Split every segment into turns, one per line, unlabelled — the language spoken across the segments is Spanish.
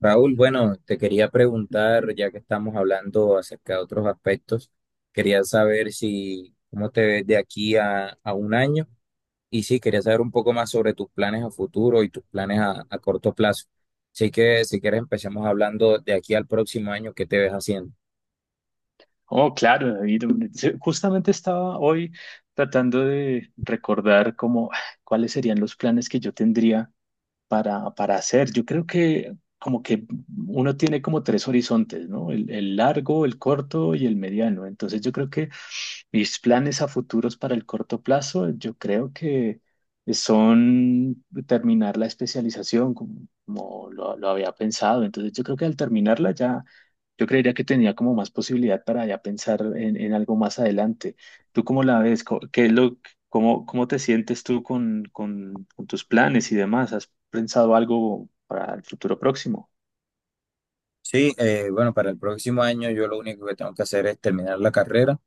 Raúl, bueno, te quería preguntar, ya que estamos hablando acerca de otros aspectos, quería saber si, cómo te ves de aquí a un año y sí, quería saber un poco más sobre tus planes a futuro y tus planes a corto plazo. Así que si quieres empecemos hablando de aquí al próximo año, ¿qué te ves haciendo?
Oh, claro, David. Justamente estaba hoy tratando de recordar cómo, cuáles serían los planes que yo tendría para hacer. Yo creo que como que uno tiene como tres horizontes, ¿no? El largo, el corto y el mediano. Entonces yo creo que mis planes a futuros para el corto plazo, yo creo que son terminar la especialización como lo había pensado. Entonces yo creo que al terminarla ya, yo creería que tenía como más posibilidad para ya pensar en algo más adelante. ¿Tú cómo la ves? ¿Qué es ¿Cómo, cómo te sientes tú con tus planes y demás? ¿Has pensado algo para el futuro próximo?
Sí, bueno, para el próximo año yo lo único que tengo que hacer es terminar la carrera.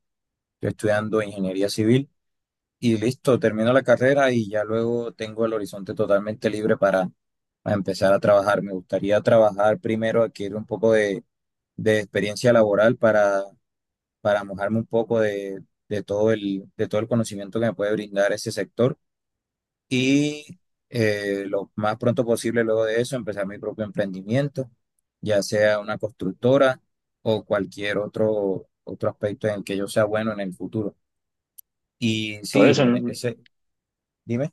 Estoy estudiando ingeniería civil y listo, termino la carrera y ya luego tengo el horizonte totalmente libre para a empezar a trabajar. Me gustaría trabajar primero, adquirir un poco de experiencia laboral para mojarme un poco de todo el conocimiento que me puede brindar ese sector y lo más pronto posible luego de eso empezar mi propio emprendimiento, ya sea una constructora o cualquier otro aspecto en el que yo sea bueno en el futuro. Y
Todo
sí,
eso, no,
dime.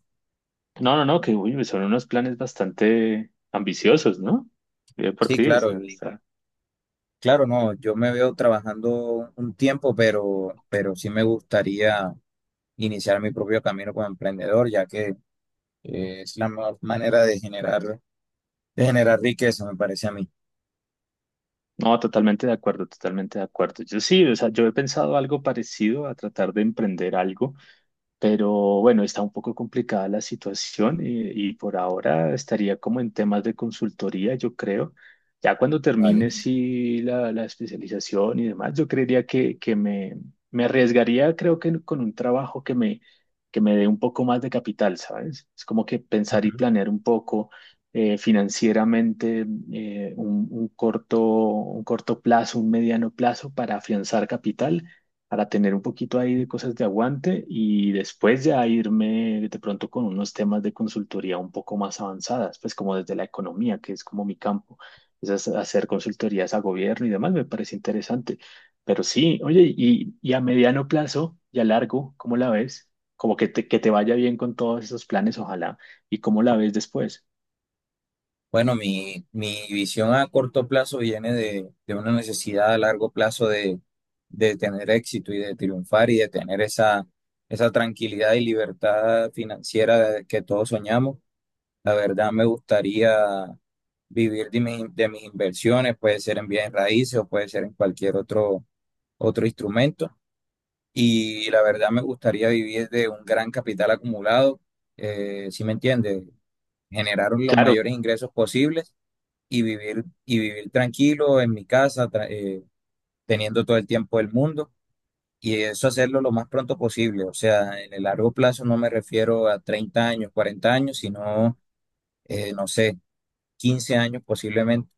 no, no, que uy, son unos planes bastante ambiciosos, ¿no? Bien por
Sí,
ti, o
claro.
sea, está-
Claro, no, yo me veo trabajando un tiempo, pero sí me gustaría iniciar mi propio camino como emprendedor, ya que es la mejor manera de generar riqueza, me parece a mí,
No, totalmente de acuerdo, totalmente de acuerdo. Yo sí, o sea, yo he pensado algo parecido a tratar de emprender algo. Pero bueno, está un poco complicada la situación y por ahora estaría como en temas de consultoría, yo creo. Ya cuando
¿vale?
termine sí, la especialización y demás, yo creería que me arriesgaría, creo que con un trabajo que me dé un poco más de capital, ¿sabes? Es como que pensar y
Ujú.
planear un poco financieramente un corto, un corto plazo, un mediano plazo para afianzar capital para tener un poquito ahí de cosas de aguante y después ya irme de pronto con unos temas de consultoría un poco más avanzadas, pues como desde la economía, que es como mi campo, esas hacer consultorías a gobierno y demás, me parece interesante. Pero sí, oye, y a mediano plazo y a largo, ¿cómo la ves? Como que que te vaya bien con todos esos planes, ojalá. ¿Y cómo la ves después?
Bueno, mi visión a corto plazo viene de una necesidad a largo plazo de tener éxito y de triunfar y de tener esa tranquilidad y libertad financiera que todos soñamos. La verdad me gustaría vivir de mis inversiones, puede ser en bienes raíces o puede ser en cualquier otro instrumento. Y la verdad me gustaría vivir de un gran capital acumulado, ¿si me entiendes? Generar los
Claro.
mayores ingresos posibles y y vivir tranquilo en mi casa, teniendo todo el tiempo del mundo. Y eso hacerlo lo más pronto posible. O sea, en el largo plazo no me refiero a 30 años, 40 años, sino, no sé, 15 años posiblemente,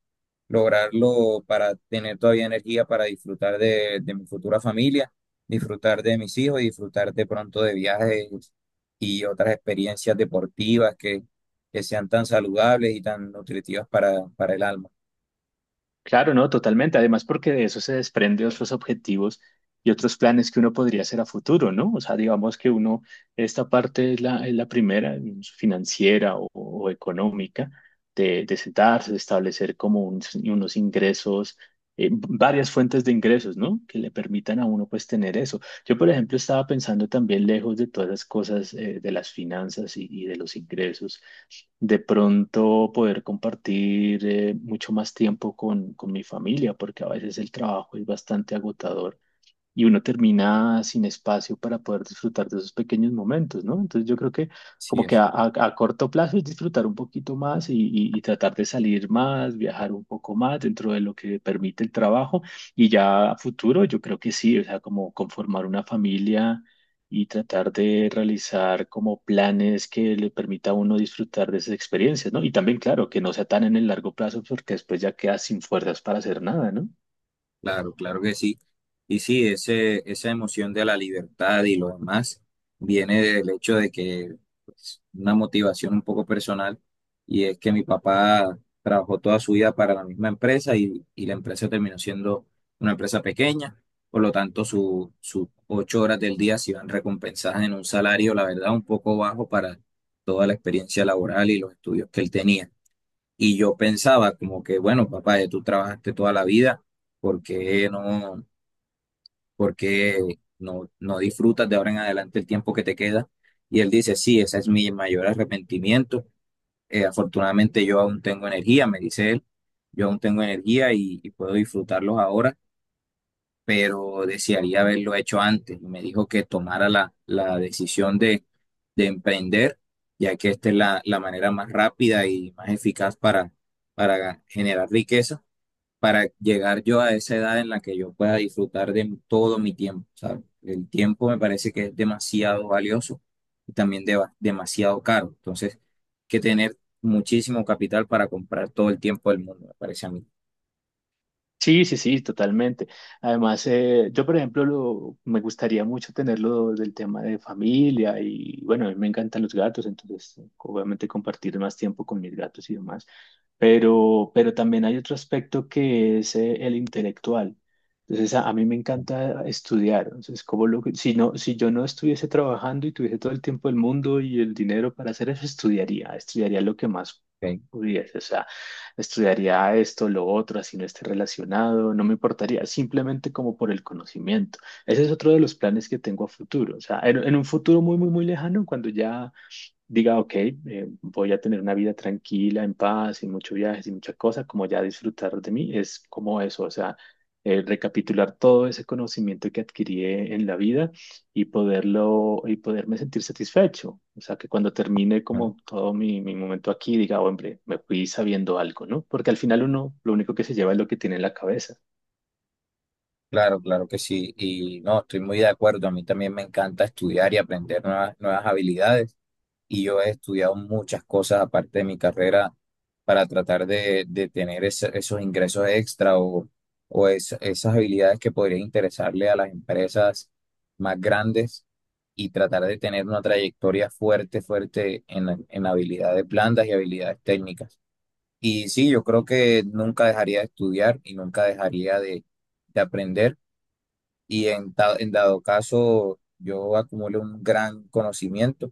lograrlo para tener todavía energía para disfrutar de mi futura familia, disfrutar de mis hijos y disfrutar de pronto de viajes y otras experiencias deportivas que sean tan saludables y tan nutritivas para el alma.
Claro, no, totalmente. Además, porque de eso se desprende otros objetivos y otros planes que uno podría hacer a futuro, ¿no? O sea, digamos que uno, esta parte es es la primera, financiera o económica, de sentarse, de establecer como un- unos ingresos, varias fuentes de ingresos, ¿no? Que le permitan a uno, pues, tener eso. Yo, por ejemplo, estaba pensando también lejos de todas las cosas, de las finanzas y de los ingresos de pronto poder compartir mucho más tiempo con mi familia, porque a veces el trabajo es bastante agotador y uno termina sin espacio para poder disfrutar de esos pequeños momentos, ¿no? Entonces yo creo que
Así
como que
es.
a corto plazo es disfrutar un poquito más y tratar de salir más, viajar un poco más dentro de lo que permite el trabajo y ya a futuro yo creo que sí, o sea, como conformar una familia y tratar de realizar como planes que le permita a uno disfrutar de esas experiencias, ¿no? Y también, claro, que no sea tan en el largo plazo porque después ya queda sin fuerzas para hacer nada, ¿no?
Claro, claro que sí. Y sí, esa emoción de la libertad y lo demás viene del hecho de que pues, una motivación un poco personal y es que mi papá trabajó toda su vida para la misma empresa y la empresa terminó siendo una empresa pequeña, por lo tanto sus 8 horas del día se iban recompensadas en un salario, la verdad, un poco bajo para toda la experiencia laboral y los estudios que él tenía. Y yo pensaba como que, bueno, papá, ya tú trabajaste toda la vida, ¿por qué por qué no disfrutas de ahora en adelante el tiempo que te queda? Y él dice, sí, ese es mi mayor arrepentimiento. Afortunadamente yo aún tengo energía, me dice él, yo aún tengo energía y puedo disfrutarlos ahora pero desearía haberlo hecho antes. Y me dijo que tomara la decisión de emprender, ya que esta es la manera más rápida y más eficaz para generar riqueza, para llegar yo a esa edad en la que yo pueda disfrutar de todo mi tiempo, ¿sabes? El tiempo me parece que es demasiado valioso y también demasiado caro. Entonces, hay que tener muchísimo capital para comprar todo el tiempo del mundo, me parece a mí.
Sí, sí, sí, totalmente. Además, yo, por ejemplo, me gustaría mucho tenerlo del tema de familia y bueno, a mí me encantan los gatos, entonces obviamente compartir más tiempo con mis gatos y demás. Pero también hay otro aspecto que es el intelectual. Entonces, a mí me encanta estudiar. Entonces, como que- si no, si yo no estuviese trabajando y tuviese todo el tiempo del mundo y el dinero para hacer eso, estudiaría, estudiaría lo que más pudiese. O sea, estudiaría esto, lo otro, así no esté relacionado, no me importaría, simplemente como por el conocimiento. Ese es otro de los planes que tengo a futuro. O sea, en un futuro muy, muy, muy lejano, cuando ya diga, ok, voy a tener una vida tranquila, en paz, sin mucho viaje, sin mucha cosa, como ya disfrutar de mí, es como eso, o sea, recapitular todo ese conocimiento que adquirí en la vida y poderlo, y poderme sentir satisfecho, o sea, que cuando termine
¿Ok?
como todo mi momento aquí, diga, hombre, me fui sabiendo algo, ¿no? Porque al final uno, lo único que se lleva es lo que tiene en la cabeza.
Claro, claro que sí. Y no, estoy muy de acuerdo. A mí también me encanta estudiar y aprender nuevas habilidades. Y yo he estudiado muchas cosas aparte de mi carrera para tratar de tener esos ingresos extra o esas habilidades que podrían interesarle a las empresas más grandes y tratar de tener una trayectoria fuerte en habilidades blandas y habilidades técnicas. Y sí, yo creo que nunca dejaría de estudiar y nunca dejaría de aprender y en dado caso yo acumulo un gran conocimiento,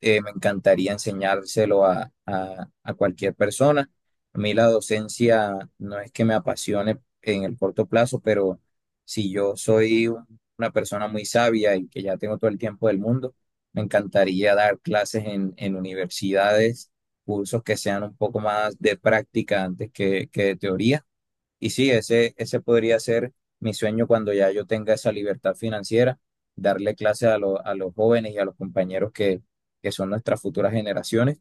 me encantaría enseñárselo a cualquier persona. A mí la docencia no es que me apasione en el corto plazo, pero si yo soy una persona muy sabia y que ya tengo todo el tiempo del mundo, me encantaría dar clases en universidades, cursos que sean un poco más de práctica antes que de teoría. Y sí, ese podría ser mi sueño cuando ya yo tenga esa libertad financiera, darle clase a los jóvenes y a los compañeros que son nuestras futuras generaciones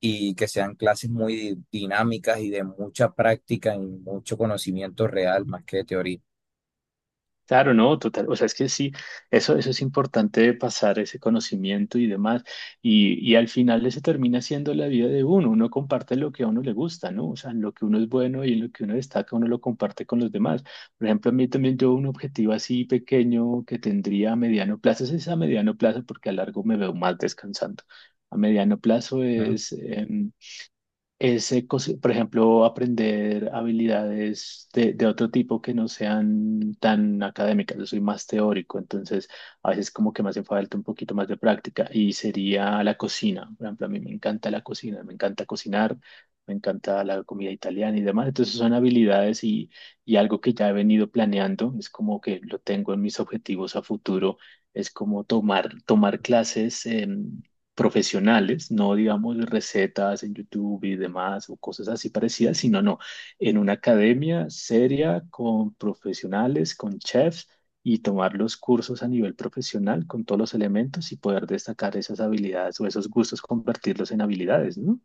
y que sean clases muy dinámicas y de mucha práctica y mucho conocimiento real más que de teoría.
Claro, no, total. O sea, es que sí, eso es importante pasar ese conocimiento y demás. Y al final eso termina siendo la vida de uno. Uno comparte lo que a uno le gusta, ¿no? O sea, en lo que uno es bueno y en lo que uno destaca, uno lo comparte con los demás. Por ejemplo, a mí también yo un objetivo así pequeño que tendría a mediano plazo, ese es a mediano plazo porque a largo me veo más descansando. A mediano plazo
¿No?
es... por ejemplo, aprender habilidades de otro tipo que no sean tan académicas. Yo soy más teórico, entonces a veces como que me hace falta un poquito más de práctica y sería la cocina. Por ejemplo, a mí me encanta la cocina, me encanta cocinar, me encanta la comida italiana y demás. Entonces son habilidades y algo que ya he venido planeando, es como que lo tengo en mis objetivos a futuro, es como tomar clases. Profesionales, no digamos recetas en YouTube y demás o cosas así parecidas, sino no, en una academia seria con profesionales, con chefs y tomar los cursos a nivel profesional con todos los elementos y poder destacar esas habilidades o esos gustos, convertirlos en habilidades, ¿no?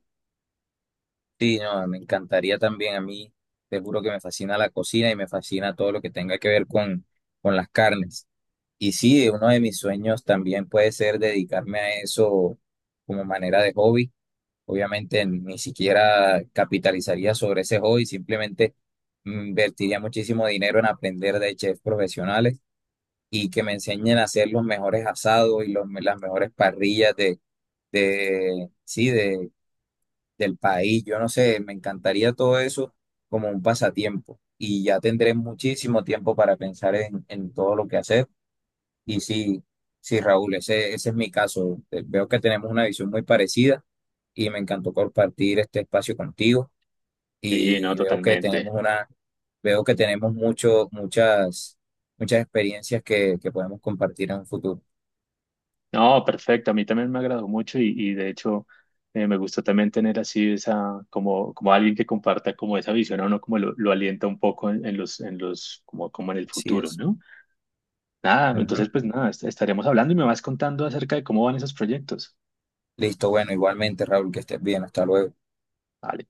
Sí, no, me encantaría también a mí, te juro que me fascina la cocina y me fascina todo lo que tenga que ver con las carnes. Y sí, uno de mis sueños también puede ser dedicarme a eso como manera de hobby. Obviamente ni siquiera capitalizaría sobre ese hobby, simplemente invertiría muchísimo dinero en aprender de chefs profesionales y que me enseñen a hacer los mejores asados y las mejores parrillas sí, del país. Yo no sé, me encantaría todo eso como un pasatiempo y ya tendré muchísimo tiempo para pensar en todo lo que hacer. Y sí, sí, Raúl, ese es mi caso. Veo que tenemos una visión muy parecida y me encantó compartir este espacio contigo
Sí, no,
y
totalmente.
veo que tenemos muchas experiencias que podemos compartir en un futuro.
No, perfecto. A mí también me agradó mucho y de hecho me gusta también tener así esa, como, como alguien que comparta como esa visión a uno, como lo alienta un poco en los, como, como en el
Así
futuro,
es.
¿no? Nada,
Ujú.
entonces pues nada, est- estaremos hablando y me vas contando acerca de cómo van esos proyectos.
Listo, bueno, igualmente, Raúl, que estés bien. Hasta luego.
Vale.